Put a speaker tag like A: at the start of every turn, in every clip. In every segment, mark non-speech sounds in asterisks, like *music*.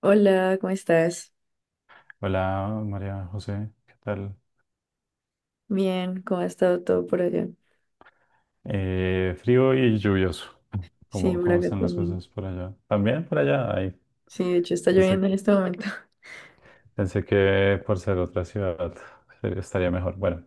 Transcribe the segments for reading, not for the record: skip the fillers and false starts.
A: Hola, ¿cómo estás?
B: Hola María José, ¿qué tal?
A: Bien, ¿cómo ha estado todo por allá?
B: Frío y lluvioso.
A: Sí,
B: ¿Cómo,
A: por
B: cómo
A: acá
B: están las
A: también.
B: cosas por allá? También por allá, ahí.
A: Sí, de hecho está
B: Pensé
A: lloviendo
B: que,
A: en este momento. *laughs*
B: Pensé que por ser otra ciudad estaría mejor. Bueno,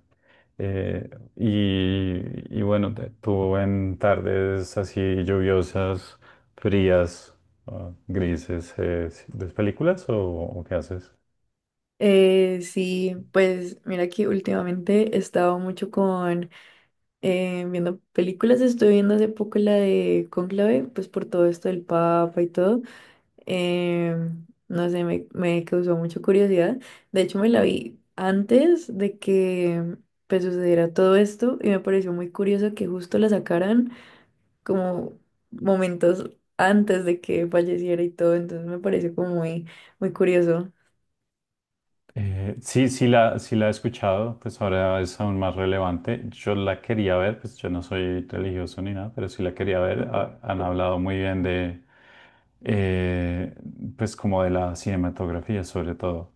B: eh, y bueno, tú en tardes así lluviosas, frías, grises, ¿ves películas o qué haces?
A: Sí, pues mira que últimamente he estado mucho con viendo películas. Estuve viendo hace poco la de Cónclave, pues por todo esto del Papa y todo. No sé, me causó mucha curiosidad. De hecho, me la vi antes de que pues sucediera todo esto y me pareció muy curioso que justo la sacaran, como momentos antes de que falleciera y todo. Entonces me pareció como muy, muy curioso.
B: Sí, sí la he escuchado, pues ahora es aún más relevante. Yo la quería ver, pues yo no soy religioso ni nada, pero sí la quería ver. Han hablado muy bien de, eh, pues como de la cinematografía sobre todo.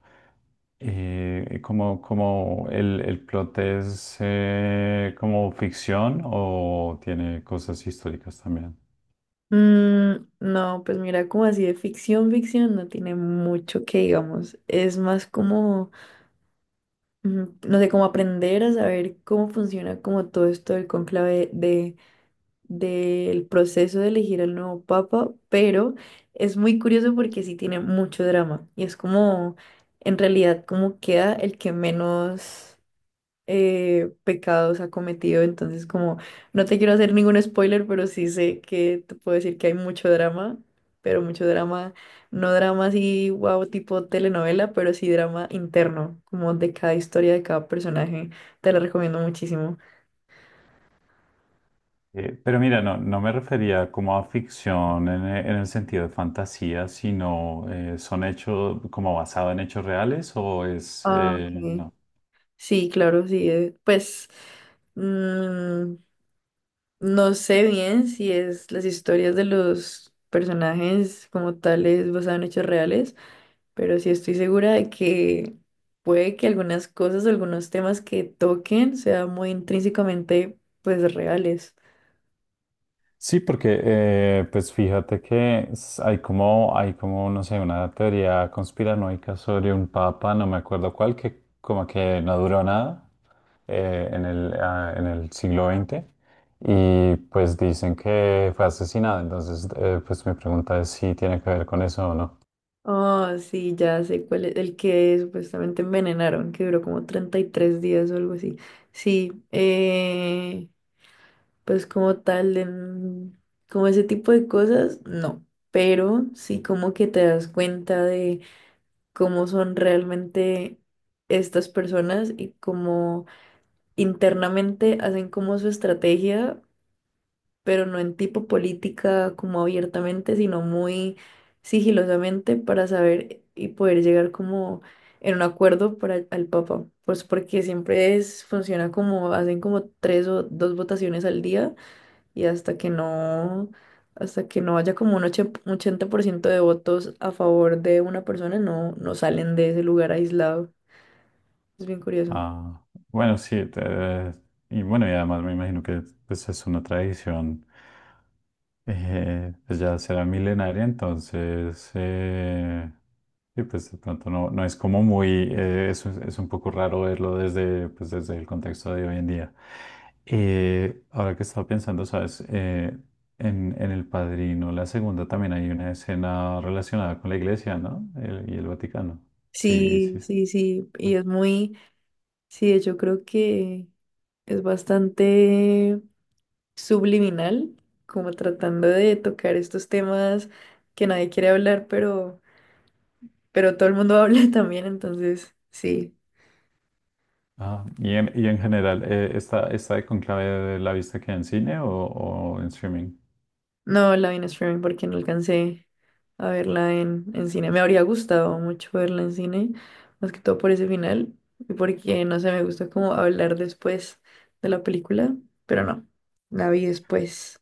B: Como el plot es como ficción o tiene cosas históricas también.
A: Mm, no, pues mira, como así de ficción, ficción no tiene mucho, que digamos, es más como, no sé, como aprender a saber cómo funciona como todo esto del conclave de, del proceso de elegir al nuevo papa. Pero es muy curioso porque sí tiene mucho drama y es como, en realidad, como queda el que menos pecados ha cometido. Entonces, como no te quiero hacer ningún spoiler, pero sí sé que te puedo decir que hay mucho drama, pero mucho drama. No drama así, wow, tipo telenovela, pero sí drama interno, como de cada historia, de cada personaje. Te la recomiendo muchísimo.
B: Pero mira, no, no me refería como a ficción en, en el sentido de fantasía, sino son hechos como basado en hechos reales o
A: Ah, ok.
B: no.
A: Sí, claro, sí, pues mm, no sé bien si es las historias de los personajes como tales basadas en hechos reales, pero sí estoy segura de que puede que algunas cosas, algunos temas que toquen sean muy intrínsecamente pues reales.
B: Sí, porque pues fíjate que hay como, no sé, una teoría conspiranoica sobre un papa, no me acuerdo cuál, que como que no duró nada en el, en el siglo XX y pues dicen que fue asesinado, entonces pues mi pregunta es si tiene que ver con eso o no.
A: Oh, sí, ya sé cuál es el que supuestamente envenenaron, que duró como 33 días o algo así. Sí, pues como tal, como ese tipo de cosas, no. Pero sí, como que te das cuenta de cómo son realmente estas personas y cómo internamente hacen como su estrategia, pero no en tipo política como abiertamente, sino muy sigilosamente, para saber y poder llegar como en un acuerdo para al Papa. Pues porque siempre es, funciona como, hacen como tres o dos votaciones al día, y hasta que no haya como un 80% de votos a favor de una persona, no, no salen de ese lugar aislado. Es bien curioso.
B: Ah, bueno, sí, y bueno, y además me imagino que pues, es una tradición pues, ya será milenaria, entonces sí, pues de pronto no, no es como muy, un es un poco raro verlo desde, pues, desde el contexto de hoy en día. Ahora que estaba pensando, sabes, en El Padrino, la segunda también hay una escena relacionada con la iglesia, ¿no? Y el Vaticano. Sí,
A: Sí,
B: sí.
A: sí, sí, y es muy, sí, yo creo que es bastante subliminal, como tratando de tocar estos temas que nadie quiere hablar, pero todo el mundo *laughs* habla también, entonces sí.
B: Ah, y en general, ¿está, está de conclave la vista que en cine o en streaming?
A: No la vi en streaming porque no alcancé a verla en cine. Me habría gustado mucho verla en cine, más que todo por ese final, y porque no sé, me gusta como hablar después de la película, pero no, la vi después.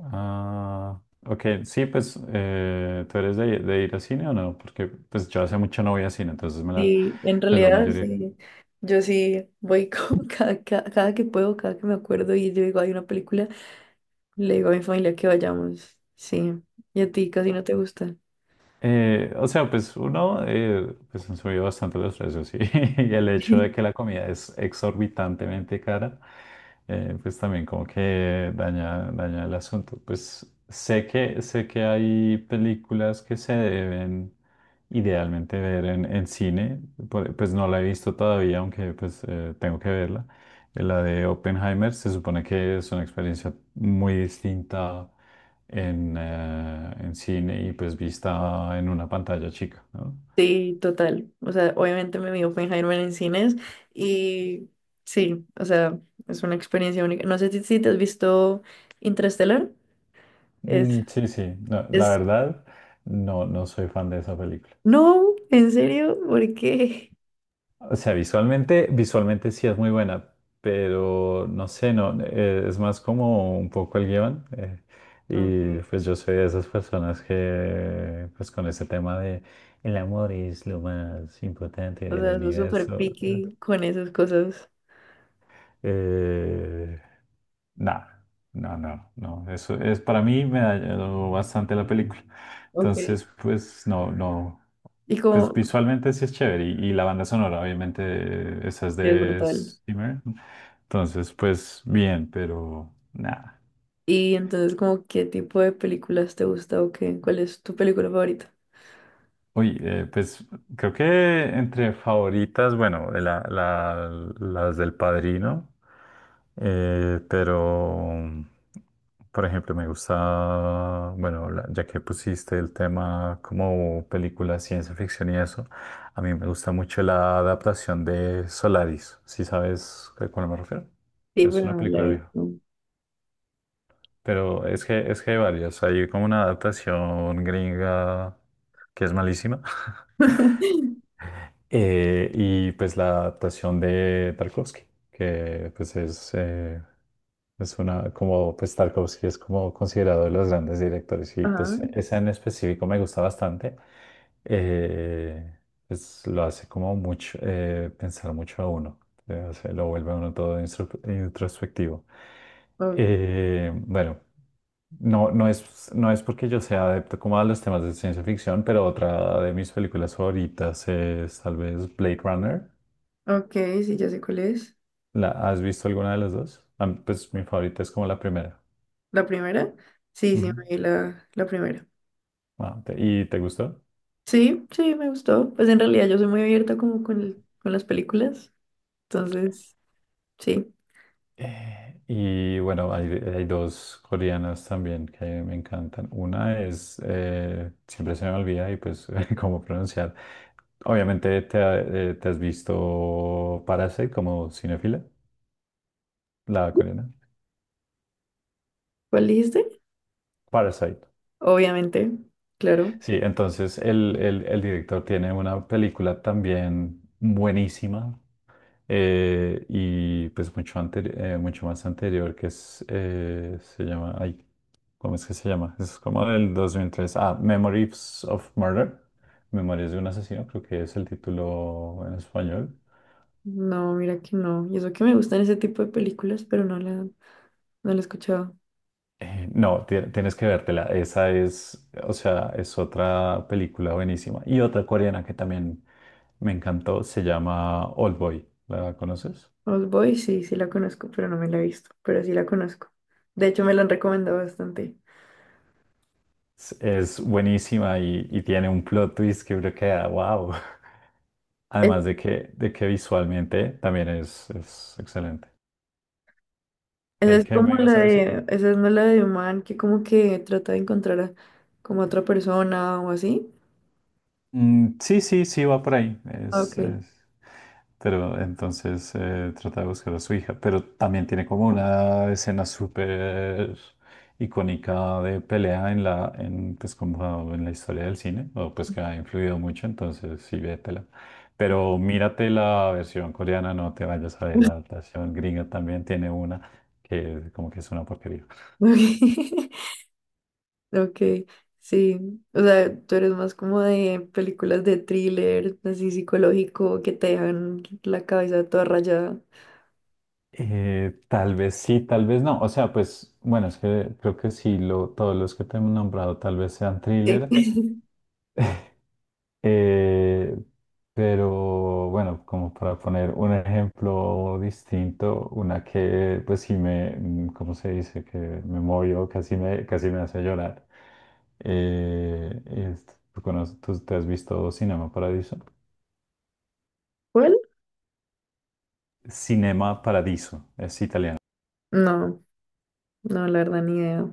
B: Ah, ok, sí, pues, ¿tú eres de ir a cine o no? Porque pues yo hace mucho no voy a cine, entonces me la,
A: Sí, en
B: pues la
A: realidad,
B: mayoría.
A: sí. Yo sí voy con *laughs* cada que puedo, cada que me acuerdo y yo digo, hay una película, le digo a mi familia que vayamos. Sí. Y a ti casi no te gusta.
B: O sea, pues uno, pues han subido bastante los precios y, *laughs* y el hecho de que la
A: *laughs*
B: comida es exorbitantemente cara, pues también como que daña, daña el asunto. Pues sé que hay películas que se deben idealmente ver en cine, pues no la he visto todavía, aunque pues tengo que verla. La de Oppenheimer se supone que es una experiencia muy distinta en cine y pues vista en una pantalla chica, ¿no?
A: Sí, total. O sea, obviamente me vi Oppenheimer en cines y sí, o sea, es una experiencia única. No sé si te has visto Interstellar. Es,
B: Mm, sí, sí, no, la
A: es,
B: verdad, no, no soy fan de esa película.
A: no, en serio, ¿por qué?
B: O sea, visualmente, visualmente sí es muy buena, pero no sé, no, es más como un poco el guión. Y
A: Ok.
B: pues yo soy de esas personas que, pues con ese tema de el amor es lo más importante
A: O
B: del
A: sea, soy súper
B: universo.
A: picky con esas cosas.
B: Eh, Nada, no, no, no. Eso es para mí me dañó bastante la película.
A: Ok.
B: Entonces, pues no, no.
A: Y
B: Pues
A: como,
B: visualmente sí es chévere. Y la banda sonora, obviamente, esa es
A: es
B: de
A: brutal.
B: Steamer. Entonces, pues bien, pero nada.
A: Y entonces, como, ¿qué tipo de películas te gusta o qué? ¿Cuál es tu película favorita?
B: Uy, pues creo que entre favoritas, bueno, las del Padrino, pero por ejemplo me gusta, bueno, ya que pusiste el tema como película ciencia ficción y eso, a mí me gusta mucho la adaptación de Solaris, ¿si sabes a cuál me refiero?
A: Sí,
B: Es
A: pero
B: una
A: no la he
B: película vieja,
A: visto.
B: pero es que hay varias, hay como una adaptación gringa que es malísima. *laughs*
A: *laughs*
B: Y pues la adaptación de Tarkovsky, que pues es una, como pues Tarkovsky es como considerado de los grandes directores y
A: Ajá.
B: pues esa en específico me gusta bastante. Eh, pues lo hace como mucho, pensar mucho a uno, o sea, lo vuelve a uno todo introspectivo.
A: o-
B: Eh, bueno. No, no es, no es porque yo sea adepto como a los temas de ciencia ficción, pero otra de mis películas favoritas es tal vez Blade Runner.
A: ok, sí, ya sé cuál es.
B: ¿La, has visto alguna de las dos? Ah, pues mi favorita es como la primera.
A: ¿La primera? Sí, sí,
B: Ujú.
A: me vi la primera.
B: Ah, ¿y te gustó?
A: Sí, sí, me gustó. Pues en realidad yo soy muy abierta como con, con las películas. Entonces, sí.
B: Y bueno, hay dos coreanas también que me encantan. Una es, siempre se me olvida y pues *laughs* cómo pronunciar. Obviamente te, te has visto Parasite como cinéfila, la coreana.
A: ¿Cuál dijiste?
B: Parasite.
A: Obviamente, claro.
B: Sí, entonces el, el director tiene una película también buenísima y pues mucho, mucho más anterior que es, se llama, ay, ¿cómo es que se llama? Es como del 2003, ah, Memories of Murder, Memorias de un asesino, creo que es el título en español.
A: No, mira que no. Y eso que me gustan ese tipo de películas, pero no no la he escuchado.
B: No, tienes que vértela, esa es, o sea, es otra película buenísima y otra coreana que también me encantó, se llama Old Boy, ¿la conoces?
A: Old Boys sí, sí la conozco, pero no me la he visto, pero sí la conozco. De hecho, me la han recomendado bastante.
B: Es buenísima y tiene un plot twist que uno queda, wow. *laughs* Además
A: Es-
B: de que visualmente también es excelente.
A: Esa
B: ¿Qué,
A: es
B: qué
A: como
B: me
A: la
B: ibas a decir?
A: de, esa es no la de un man que como que trata de encontrar a, como a otra persona o así.
B: Mm, sí, sí, sí, va por ahí.
A: Ah, ok,
B: Pero entonces trata de buscar a su hija. Pero también tiene como una escena súper icónica de pelea en la, en, pues como en la historia del cine, o pues que ha influido mucho, entonces sí ve. Pero mírate la versión coreana, no te vayas a ver la adaptación gringa, también tiene una que como que es una porquería.
A: ok, *laughs* ok, sí. O sea, tú eres más como de películas de thriller, así psicológico, que te dejan la cabeza toda rayada.
B: Tal vez sí, tal vez no. O sea, pues bueno, es que creo que sí, lo, todos los que te he nombrado tal vez sean
A: Sí.
B: thriller.
A: *laughs*
B: Eh, pero bueno, como para poner un ejemplo distinto, una que pues sí me, mm, ¿cómo se dice? Que me movió, casi me hace llorar. Eh, es- ¿Tú, tú te has visto Cinema Paradiso?
A: ¿Cuál?
B: Cinema Paradiso, es italiano.
A: No, no, la verdad, ni idea,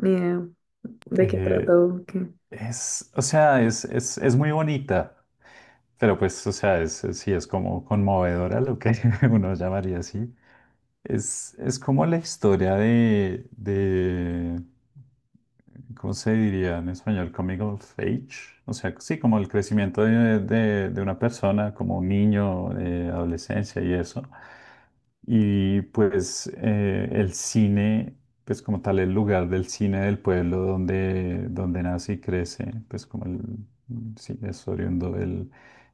A: ni idea de qué trata
B: Eh,
A: o qué.
B: es, o sea, es muy bonita, pero pues, o sea, sí es como conmovedora lo que *laughs* uno llamaría así. Es como la historia de, ¿cómo se diría en español? Coming of age. O sea, sí, como el crecimiento de, de una persona, como un niño, adolescencia y eso. Y pues el cine, pues como tal, el lugar del cine del pueblo donde, donde nace y crece, pues como el, sí, es oriundo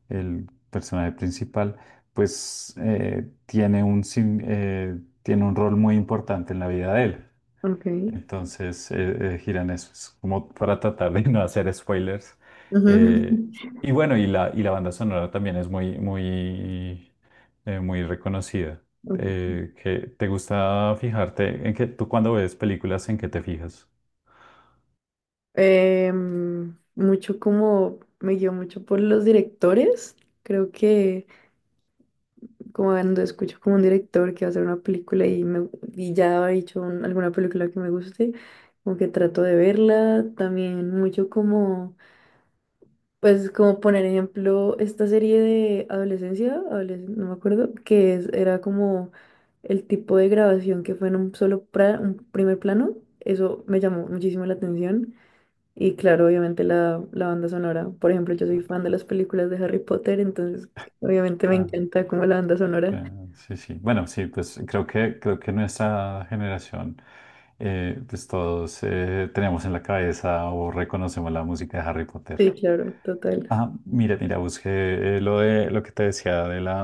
B: el personaje principal, pues tiene un, tiene un rol muy importante en la vida de él.
A: Ok.
B: Entonces, giran eso, es como para tratar de *laughs* no hacer spoilers.
A: Ujú.
B: Eh, y bueno, y la banda sonora también es muy, muy, muy reconocida.
A: Ujú.
B: ¿Te gusta fijarte en que tú cuando ves películas, en qué te fijas?
A: Mucho como me guío mucho por los directores. Creo que como cuando escucho como un director que va a hacer una película y, y ya ha hecho alguna película que me guste, como que trato de verla. También mucho como, pues como poner ejemplo esta serie de adolescencia, no me acuerdo, que era como el tipo de grabación que fue en un solo un primer plano. Eso me llamó muchísimo la atención. Y claro, obviamente la banda sonora. Por ejemplo, yo soy fan de las películas de Harry Potter, entonces obviamente me encanta como la banda sonora.
B: Ah, sí, sí. Bueno, sí, pues creo que nuestra generación, pues todos tenemos en la cabeza o reconocemos la música de Harry Potter.
A: Sí, claro, total.
B: Ah, mira, mira, busqué lo de lo que te decía de la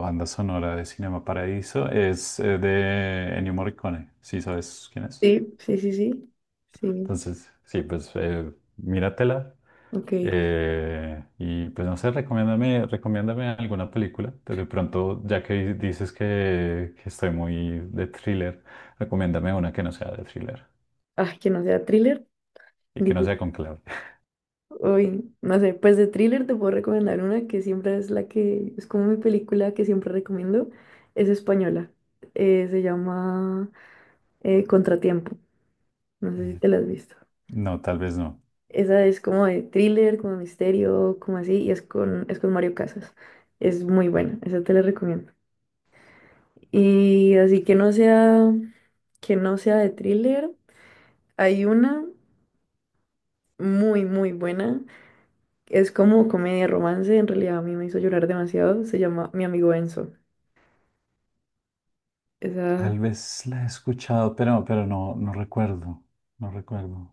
B: banda sonora de Cinema Paradiso, es de Ennio Morricone. Sí, sabes quién es.
A: Sí, sí, sí, sí. Sí,
B: Entonces, sí, pues míratela
A: ok.
B: y pues no sé, recomiéndame, recomiéndame alguna película. De pronto, ya que dices que estoy muy de thriller, recomiéndame una que no sea de thriller
A: Ah, que no sea thriller.
B: y que no
A: Dije,
B: sea con clave.
A: uy, no sé, pues de thriller te puedo recomendar una que siempre es la que, es como mi película que siempre recomiendo. Es española. Se llama Contratiempo. No sé si
B: Eh,
A: te la has visto.
B: No, tal vez no.
A: Esa es como de thriller, como de misterio, como así, y es con Mario Casas. Es muy buena, esa te la recomiendo. Y así que no sea de thriller, hay una muy, muy buena. Es como comedia romance, en realidad a mí me hizo llorar demasiado. Se llama Mi amigo Enzo. Esa
B: Tal vez la he escuchado, pero no, no recuerdo. No recuerdo.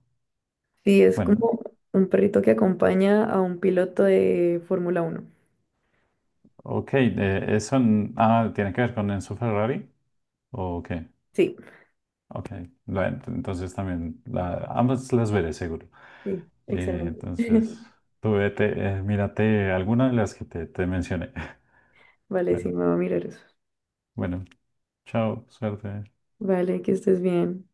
A: sí es
B: Bueno,
A: como un perrito que acompaña a un piloto de Fórmula 1.
B: ok, tiene que ver con Enzo Ferrari. ¿O qué?
A: Sí,
B: Ok, bueno, entonces también la, ambas las veré seguro.
A: sí,
B: Eh,
A: excelente.
B: entonces,
A: *laughs*
B: tú vete, mírate alguna de las que te mencioné. *laughs*
A: Vale, sí,
B: Bueno,
A: me va a mirar eso.
B: bueno, chao, suerte.
A: Vale, que estés bien.